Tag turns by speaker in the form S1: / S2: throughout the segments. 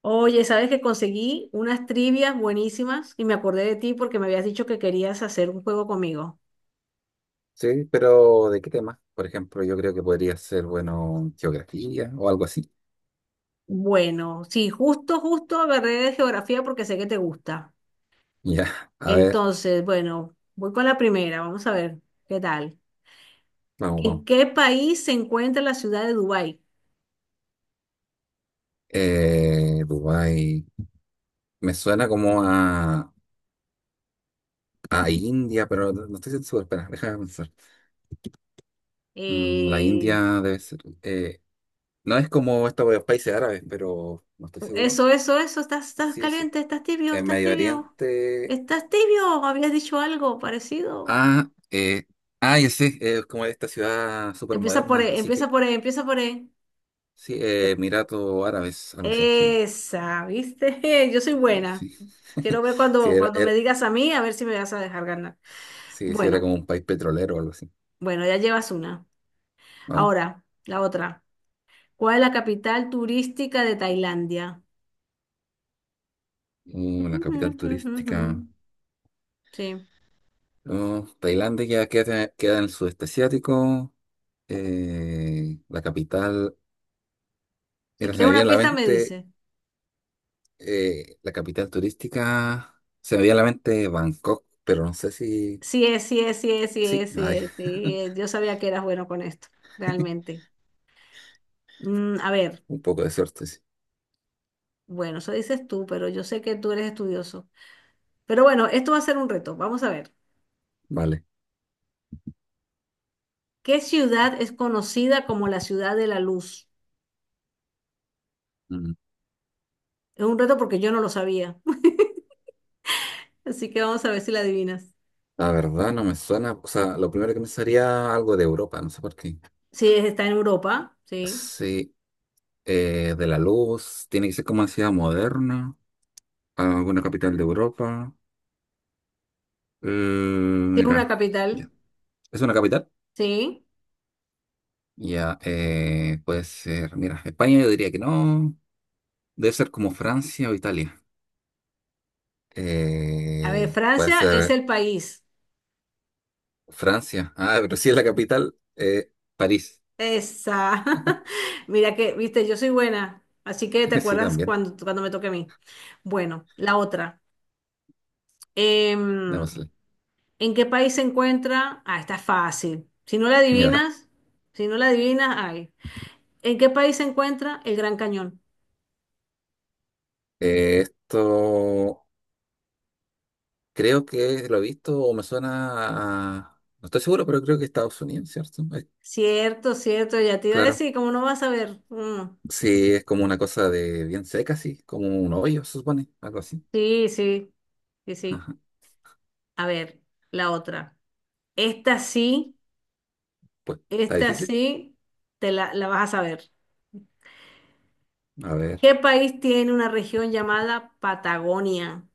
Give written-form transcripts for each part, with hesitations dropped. S1: Oye, sabes que conseguí unas trivias buenísimas y me acordé de ti porque me habías dicho que querías hacer un juego conmigo.
S2: Sí, pero ¿de qué tema? Por ejemplo, yo creo que podría ser, bueno, geografía o algo así.
S1: Bueno, sí, justo agarré de geografía porque sé que te gusta.
S2: Ya, a ver,
S1: Entonces, bueno, voy con la primera, vamos a ver qué tal.
S2: vamos,
S1: ¿En
S2: vamos.
S1: qué país se encuentra la ciudad de Dubái?
S2: Dubái. Me suena como a India, pero no estoy seguro. Espera, déjame pensar. La
S1: Eh,
S2: India debe ser. No es como estos países árabes, pero no estoy seguro.
S1: eso, eso, eso, estás
S2: Sí, sí.
S1: caliente, estás tibio,
S2: En
S1: estás
S2: Medio
S1: tibio,
S2: Oriente.
S1: estás tibio, habías dicho algo parecido.
S2: Ah, ya sé, es como esta ciudad súper
S1: Empieza por
S2: moderna,
S1: E,
S2: así
S1: empieza
S2: que
S1: por E, empieza por E.
S2: sí, Emiratos Árabes, algo así, sí.
S1: Esa, ¿viste? Yo soy buena.
S2: Sí.
S1: Quiero ver
S2: Sí,
S1: cuando, cuando me digas a mí, a ver si me vas a dejar ganar.
S2: sí, sí, era
S1: Bueno,
S2: como un país petrolero o algo así.
S1: bueno, ya llevas una.
S2: Vamos.
S1: Ahora, la otra. ¿Cuál es la capital turística de Tailandia?
S2: La capital turística.
S1: Sí.
S2: Tailandia ya queda en el sudeste asiático. La capital.
S1: Si
S2: Mira, se
S1: quieres
S2: me viene
S1: una
S2: a la
S1: pista, me
S2: mente
S1: dice.
S2: la capital turística. Se me viene a la mente Bangkok, pero no sé si.
S1: Sí es, sí es, sí es, sí
S2: Sí,
S1: es, sí
S2: ay,
S1: es, sí es. Yo sabía que eras bueno con esto, realmente. Mm, a ver,
S2: un poco de suerte, sí.
S1: bueno, eso dices tú, pero yo sé que tú eres estudioso. Pero bueno, esto va a ser un reto. Vamos a ver.
S2: Vale.
S1: ¿Qué ciudad es conocida como la ciudad de la luz?
S2: Mm,
S1: Es un reto porque yo no lo sabía, así que vamos a ver si la adivinas.
S2: La verdad no me suena. O sea, lo primero que me sería algo de Europa, no sé por qué.
S1: Sí, está en Europa, sí.
S2: Sí, de la luz, tiene que ser como una ciudad moderna, alguna capital de Europa.
S1: Tiene una
S2: Mira,
S1: capital,
S2: ya. ¿Es una capital?
S1: sí.
S2: Ya, puede ser, mira, España yo diría que no, debe ser como Francia o Italia.
S1: A ver,
S2: Puede
S1: Francia es
S2: ser
S1: el país.
S2: Francia, ah, pero si es la capital, París,
S1: Esa. Mira que, viste, yo soy buena, así que te
S2: sí,
S1: acuerdas
S2: también,
S1: cuando me toque a mí. Bueno, la otra. Em,
S2: démosle.
S1: ¿En qué país se encuentra? Ah, está fácil. Si no la
S2: Ya.
S1: adivinas, si no la adivinas, ay. ¿En qué país se encuentra el Gran Cañón?
S2: Esto creo que lo he visto o me suena a, no estoy seguro, pero creo que Estados Unidos, ¿cierto?
S1: Cierto, cierto, ya te iba a
S2: Claro.
S1: decir, ¿cómo no vas a ver? Mm,
S2: Sí, es como una cosa de bien seca, sí, como un hoyo, se supone, algo así.
S1: sí, sí, sí, sí.
S2: Ajá.
S1: A ver, la otra. Esta sí,
S2: Pues está
S1: esta
S2: difícil.
S1: sí, te la vas a saber.
S2: A ver.
S1: ¿Qué país tiene una región llamada Patagonia?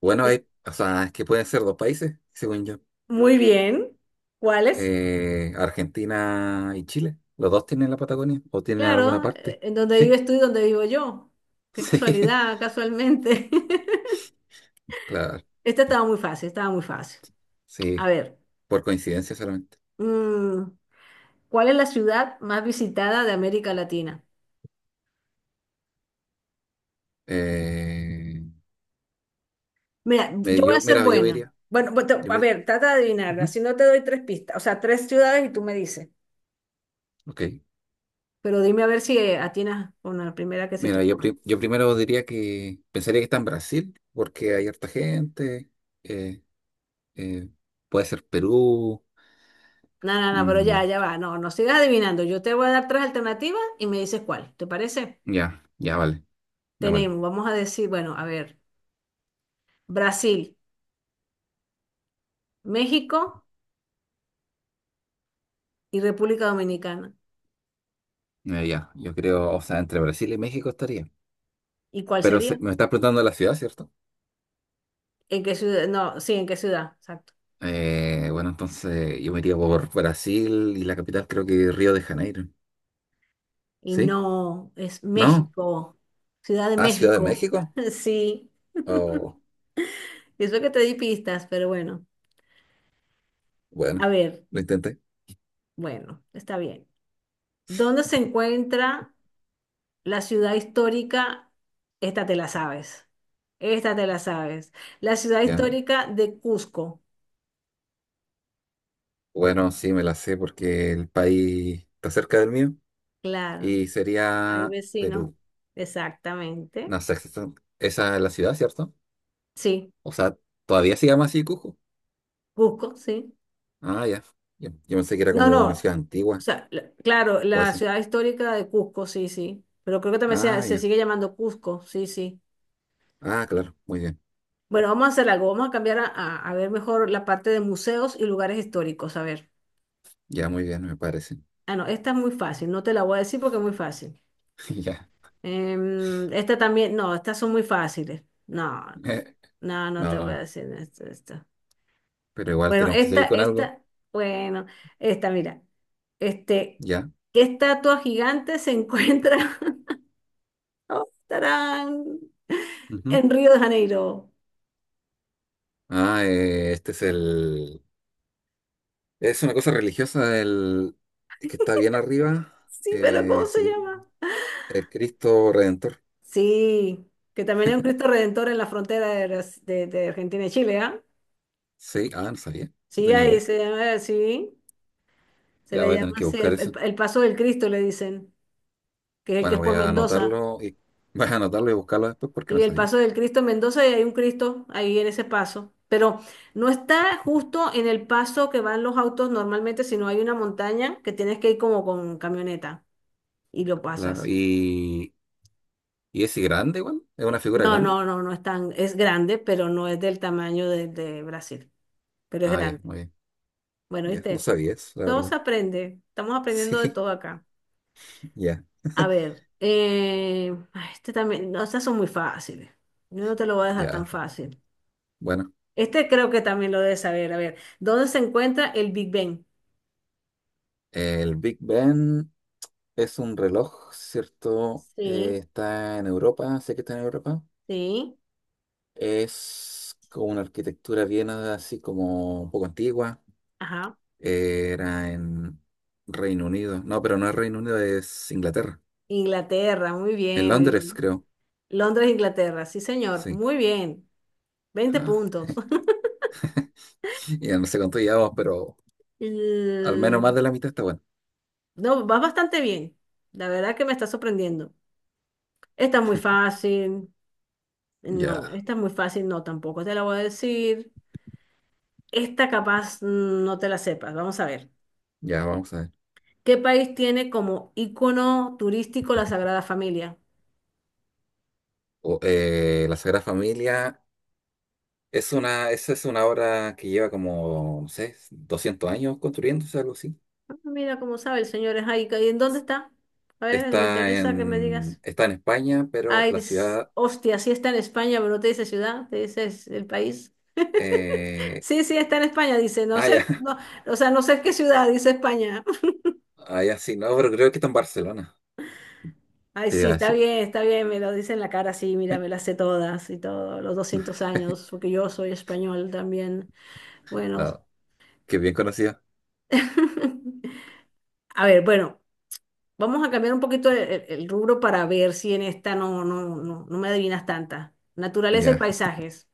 S2: Bueno,
S1: Es-
S2: hay, o sea, es que pueden ser dos países, según yo.
S1: Muy bien. ¿Cuáles?
S2: Argentina y Chile. ¿Los dos tienen la Patagonia o tienen alguna
S1: Claro,
S2: parte?
S1: en donde
S2: Sí,
S1: vives tú y donde vivo yo. Qué
S2: sí,
S1: casualidad, casualmente.
S2: claro,
S1: Esta estaba muy fácil, estaba muy fácil. A
S2: sí,
S1: ver,
S2: por coincidencia solamente.
S1: mm, ¿cuál es la ciudad más visitada de América Latina?
S2: Eh,
S1: Mira, yo voy a ser
S2: Mira, yo me
S1: buena.
S2: diría,
S1: Bueno,
S2: yo
S1: a
S2: me,
S1: ver, trata de adivinar.
S2: ujú,
S1: Así no te doy tres pistas, o sea, tres ciudades y tú me dices.
S2: ok.
S1: Pero dime a ver si atinas con la primera que se te
S2: Mira,
S1: ocurra.
S2: yo primero diría que pensaría que está en Brasil, porque hay harta gente. eh, eh, Puede ser Perú.
S1: No, no, no, pero ya,
S2: Mm,
S1: ya va. No, no sigas adivinando. Yo te voy a dar tres alternativas y me dices cuál. ¿Te parece?
S2: ya, ya, vale, ya, vale.
S1: Tenemos, vamos a decir, bueno, a ver, Brasil, México y República Dominicana.
S2: Ya, yo creo, o sea, entre Brasil y México estaría.
S1: ¿Y cuál
S2: Pero
S1: sería?
S2: me estás preguntando la ciudad, ¿cierto?
S1: ¿En qué ciudad? No, sí, ¿en qué ciudad? Exacto.
S2: Bueno, entonces yo me iría por Brasil y la capital creo que Río de Janeiro.
S1: Y
S2: ¿Sí?
S1: no, es
S2: ¿No?
S1: México, Ciudad de
S2: Ah, Ciudad de
S1: México.
S2: México.
S1: Sí.
S2: Oh,
S1: Eso que te di pistas, pero bueno. A
S2: bueno,
S1: ver,
S2: lo intenté.
S1: bueno, está bien. ¿Dónde se encuentra la ciudad histórica? Esta te la sabes. Esta te la sabes. La ciudad
S2: Ya.
S1: histórica de Cusco.
S2: Bueno, sí, me la sé porque el país está cerca del mío
S1: Claro,
S2: y
S1: ahí
S2: sería
S1: vecino.
S2: Perú.
S1: Exactamente.
S2: No sé, esa es la ciudad, ¿cierto?
S1: Sí,
S2: O sea, todavía se llama así Cusco.
S1: Cusco, sí.
S2: Ah, ya. Ya. Yo pensé que era
S1: No,
S2: como una
S1: no.
S2: ciudad
S1: O
S2: antigua
S1: sea, claro,
S2: o
S1: la
S2: eso.
S1: ciudad histórica de Cusco, sí, sí. Pero creo que también se,
S2: Ah,
S1: se
S2: ya.
S1: sigue llamando Cusco, sí, sí.
S2: Ah, claro. Muy bien.
S1: Bueno, vamos a hacer algo, vamos a cambiar a ver mejor la parte de museos y lugares históricos. A ver.
S2: Ya, muy bien, me parece.
S1: Ah, no, esta es muy fácil, no te la voy a decir porque es muy fácil.
S2: Ya.
S1: Em, esta también, no, estas son muy fáciles. No, no,
S2: Eh,
S1: no te voy
S2: no,
S1: a decir esto, esto.
S2: pero igual
S1: Bueno,
S2: tenemos que
S1: esta,
S2: seguir con algo.
S1: esta, bueno, esta, mira. Este,
S2: Ya.
S1: ¿qué estatua gigante se encuentra? Oh, tarán,
S2: Ujú.
S1: en Río de Janeiro.
S2: Ah, este es el, es una cosa religiosa, el que está bien arriba.
S1: Sí, pero ¿cómo se
S2: Se llama
S1: llama?
S2: el Cristo Redentor.
S1: Sí, que también hay un Cristo Redentor en la frontera de, de Argentina y Chile, ¿ah?
S2: Sí. Ah, no sabía. No
S1: Sí,
S2: tenía
S1: ahí
S2: idea.
S1: se llama así, se
S2: Ya
S1: le
S2: voy a
S1: llama
S2: tener que
S1: así,
S2: buscar
S1: el,
S2: eso.
S1: el Paso del Cristo le dicen, que es el que
S2: Bueno,
S1: es
S2: voy
S1: por
S2: a
S1: Mendoza.
S2: anotarlo y Voy a anotarlo y buscarlo después porque
S1: Sí,
S2: no
S1: el
S2: sabía.
S1: Paso del Cristo en Mendoza y hay un Cristo ahí en ese paso, pero no está justo en el paso que van los autos normalmente, sino hay una montaña que tienes que ir como con camioneta y lo
S2: Claro.
S1: pasas.
S2: ¿Y es grande igual? ¿Es una figura
S1: No,
S2: grande?
S1: no, no, no es tan, es grande, pero no es del tamaño de Brasil, pero es
S2: Ah, ya,
S1: grande.
S2: muy bien.
S1: Bueno,
S2: Ya, no
S1: ¿viste?
S2: sabía eso, la
S1: Todo
S2: verdad.
S1: se aprende. Estamos aprendiendo de
S2: Sí,
S1: todo acá.
S2: ya,
S1: A ver, ay, este también, no, estas son muy fáciles. Yo no te lo voy a dejar
S2: ya.
S1: tan fácil.
S2: Bueno,
S1: Este creo que también lo debes saber. A ver, ¿dónde se encuentra el Big Ben?
S2: el Big Ben es un reloj, ¿cierto?
S1: Sí,
S2: Está en Europa, sé que está en Europa.
S1: sí,
S2: Es con una arquitectura bien así como un poco antigua.
S1: ajá.
S2: Era en Reino Unido. No, pero no es Reino Unido, es Inglaterra.
S1: Inglaterra, muy
S2: En
S1: bien, muy
S2: Londres,
S1: bien.
S2: creo.
S1: Londres, Inglaterra, sí, señor,
S2: Sí.
S1: muy bien. 20
S2: Ah,
S1: puntos.
S2: ya no sé cuánto llevamos, pero al menos más
S1: Mm,
S2: de la mitad está bueno.
S1: no, vas bastante bien. La verdad que me está sorprendiendo. Está muy fácil. No,
S2: Ya.
S1: esta es muy fácil, no tampoco te la voy a decir. Esta capaz mm, no te la sepas, vamos a ver.
S2: Ya, vamos a ver.
S1: ¿Qué país tiene como ícono turístico la Sagrada Familia?
S2: La Sagrada Familia esa es una obra que lleva como, no sé, 200 años construyéndose, algo así.
S1: Ah, mira cómo sabe el señor es ahí. ¿Y en dónde está? A ver, me
S2: Está
S1: interesa que me
S2: en,
S1: digas.
S2: está en España, pero
S1: Ay,
S2: la ciudad.
S1: hostia, sí está en España, pero no te dice ciudad, te dice es el país.
S2: eh,
S1: Sí, sí, está en España, dice, no
S2: ah,
S1: sé,
S2: ya,
S1: o sea, no sé qué ciudad, dice España.
S2: ah, ya, sí, no, pero creo que está en Barcelona,
S1: Ay,
S2: te
S1: sí,
S2: iba a decir.
S1: está bien, me lo dice en la cara, sí, mira, me las sé todas y todo, los 200 años, porque yo soy español también. Bueno,
S2: No, que bien conocida.
S1: a ver, bueno, vamos a cambiar un poquito el, el rubro para ver si en esta no, no, no, no me adivinas tanta. Naturaleza y
S2: Ya,
S1: paisajes.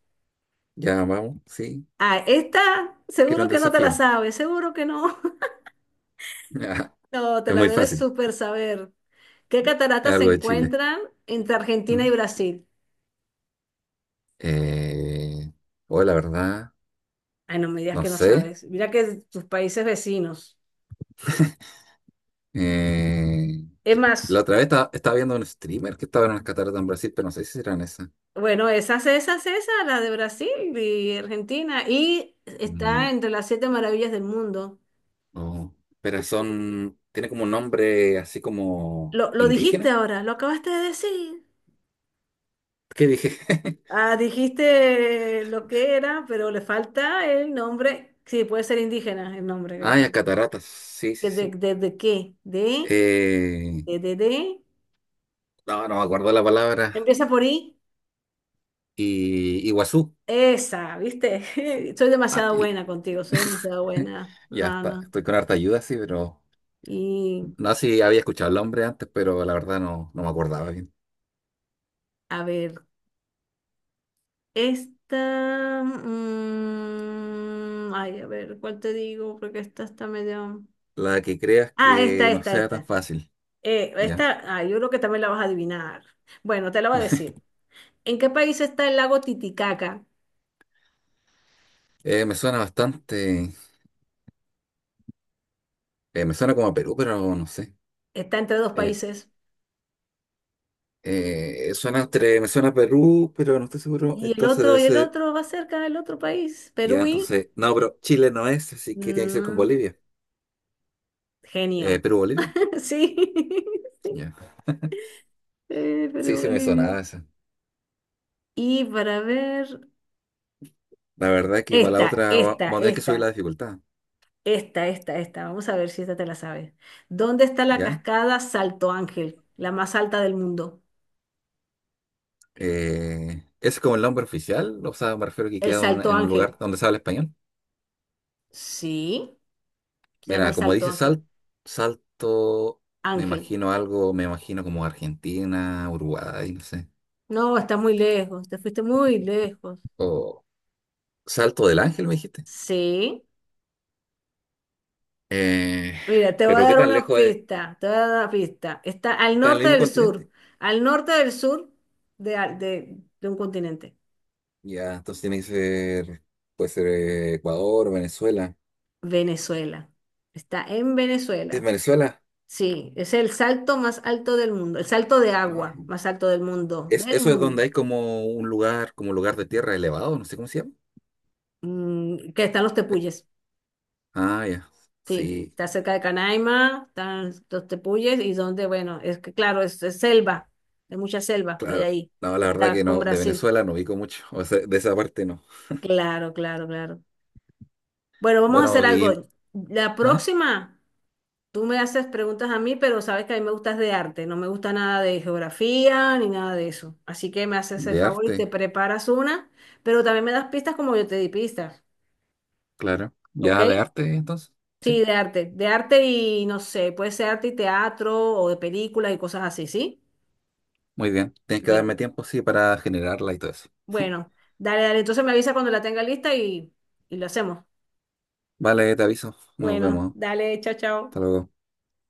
S2: ya vamos, sí,
S1: Ah, esta
S2: quiero
S1: seguro
S2: un
S1: que no te la
S2: desafío.
S1: sabes, seguro que no. No, te
S2: es
S1: la
S2: muy
S1: debes
S2: fácil,
S1: súper saber. ¿Qué
S2: es
S1: cataratas se
S2: algo de Chile.
S1: encuentran entre Argentina y
S2: Mm.
S1: Brasil?
S2: Eh, o la verdad,
S1: Ay, no me digas
S2: no
S1: que no
S2: sé.
S1: sabes. Mira que tus países vecinos.
S2: Eh,
S1: Es
S2: la
S1: más.
S2: otra vez estaba, viendo un streamer que estaba en las cataratas en Brasil, pero no sé si eran esas.
S1: Bueno, esas, esas, esas, la de Brasil y Argentina. Y
S2: Mm,
S1: está entre las 7 maravillas del mundo.
S2: no. Pero son, tiene como un nombre así como
S1: Lo dijiste
S2: indígena.
S1: ahora, lo acabaste de decir.
S2: ¿Qué dije?
S1: Ah, dijiste lo que era, pero le falta el nombre. Sí, puede ser indígena el nombre que le
S2: Ah, ya,
S1: falta.
S2: cataratas. Sí, sí, sí.
S1: De qué? ¿De?
S2: Eh,
S1: De, de?
S2: no, no me acuerdo la palabra.
S1: Empieza por I.
S2: Y Iguazú.
S1: Esa, ¿viste? Soy
S2: Ah,
S1: demasiado buena contigo, soy demasiado buena.
S2: ya
S1: No,
S2: está,
S1: no.
S2: estoy con harta ayuda, sí, pero
S1: Y
S2: no sé si había escuchado el nombre antes, pero la verdad no, no me acordaba bien.
S1: a ver. Esta, mm, ay, a ver, ¿cuál te digo? Porque esta está medio...
S2: La que creas
S1: Ah, esta,
S2: que no
S1: esta,
S2: sea tan
S1: esta.
S2: fácil. Ya.
S1: Esta, ah, yo creo que también la vas a adivinar. Bueno, te la voy a decir. ¿En qué país está el lago Titicaca?
S2: Me suena bastante, me suena como a Perú, pero no sé.
S1: Está entre dos
S2: Eh,
S1: países.
S2: Suena entre, me suena a Perú, pero no estoy seguro. Entonces debe
S1: Y el
S2: ser,
S1: otro va cerca del otro país.
S2: ya,
S1: Perú y...
S2: entonces, no, pero Chile no es, así que tiene que ser con
S1: no,
S2: Bolivia.
S1: genio.
S2: Perú, Bolivia.
S1: Sí, sí,
S2: Ya. Sí,
S1: Perú,
S2: sí me
S1: Bolivia.
S2: sonaba esa.
S1: Y para ver,
S2: La verdad que para la
S1: esta,
S2: otra
S1: esta,
S2: vamos a tener que subir
S1: esta.
S2: la dificultad,
S1: Esta, esta, esta. Vamos a ver si esta te la sabes. ¿Dónde está la
S2: ¿ya?
S1: cascada Salto Ángel, la más alta del mundo?
S2: ¿Es como el nombre oficial? O sea, me refiero que
S1: El
S2: queda
S1: Salto
S2: en un lugar
S1: Ángel.
S2: donde se habla español.
S1: Sí, se llama
S2: Mira,
S1: el
S2: como
S1: Salto
S2: dice
S1: Ángel.
S2: salto, me
S1: Ángel.
S2: imagino algo, me imagino como Argentina, Uruguay, no sé.
S1: No, está muy lejos, te fuiste muy lejos.
S2: O Salto del Ángel, me dijiste.
S1: Sí.
S2: Eh,
S1: Mira, te voy a
S2: pero ¿qué
S1: dar
S2: tan
S1: una
S2: lejos es?
S1: pista, te voy a dar una pista. Está al
S2: Está en el
S1: norte
S2: mismo
S1: del sur,
S2: continente.
S1: al norte del sur de, de un continente.
S2: Ya, entonces tiene que ser, puede ser Ecuador, Venezuela.
S1: Venezuela. Está en
S2: ¿Es
S1: Venezuela.
S2: Venezuela?
S1: Sí, es el salto más alto del mundo, el salto de
S2: Ah,
S1: agua más alto
S2: ¿es,
S1: del
S2: eso es
S1: mundo,
S2: donde hay como un lugar, como lugar de tierra elevado, no sé cómo se llama?
S1: mm, que están los
S2: Eh,
S1: tepuyes,
S2: ah, ya.
S1: sí,
S2: Sí,
S1: está cerca de Canaima, están los tepuyes y donde, bueno, es que claro, es selva, hay mucha selva que hay
S2: claro.
S1: ahí,
S2: No,
S1: que
S2: la verdad
S1: está
S2: que
S1: con
S2: no, de
S1: Brasil,
S2: Venezuela no ubico mucho, o sea, de esa parte no.
S1: claro, claro, claro. Bueno, vamos a hacer
S2: Bueno, y,
S1: algo, la
S2: ¿ah?
S1: próxima tú me haces preguntas a mí, pero sabes que a mí me gustas de arte, no me gusta nada de geografía ni nada de eso. Así que me haces el
S2: De
S1: favor y
S2: arte,
S1: te preparas una, pero también me das pistas como yo te di pistas,
S2: claro.
S1: ¿ok?
S2: Ya de arte, entonces. Sí,
S1: Sí, de arte y no sé, puede ser arte y teatro o de películas y cosas así, ¿sí?
S2: muy bien. Tienes que
S1: Bueno,
S2: darme tiempo, sí, para generarla y todo eso.
S1: bueno, dale, dale, entonces me avisa cuando la tenga lista y lo hacemos.
S2: Vale, te aviso. Nos
S1: Bueno,
S2: vemos.
S1: dale, chao,
S2: Hasta
S1: chao.
S2: luego.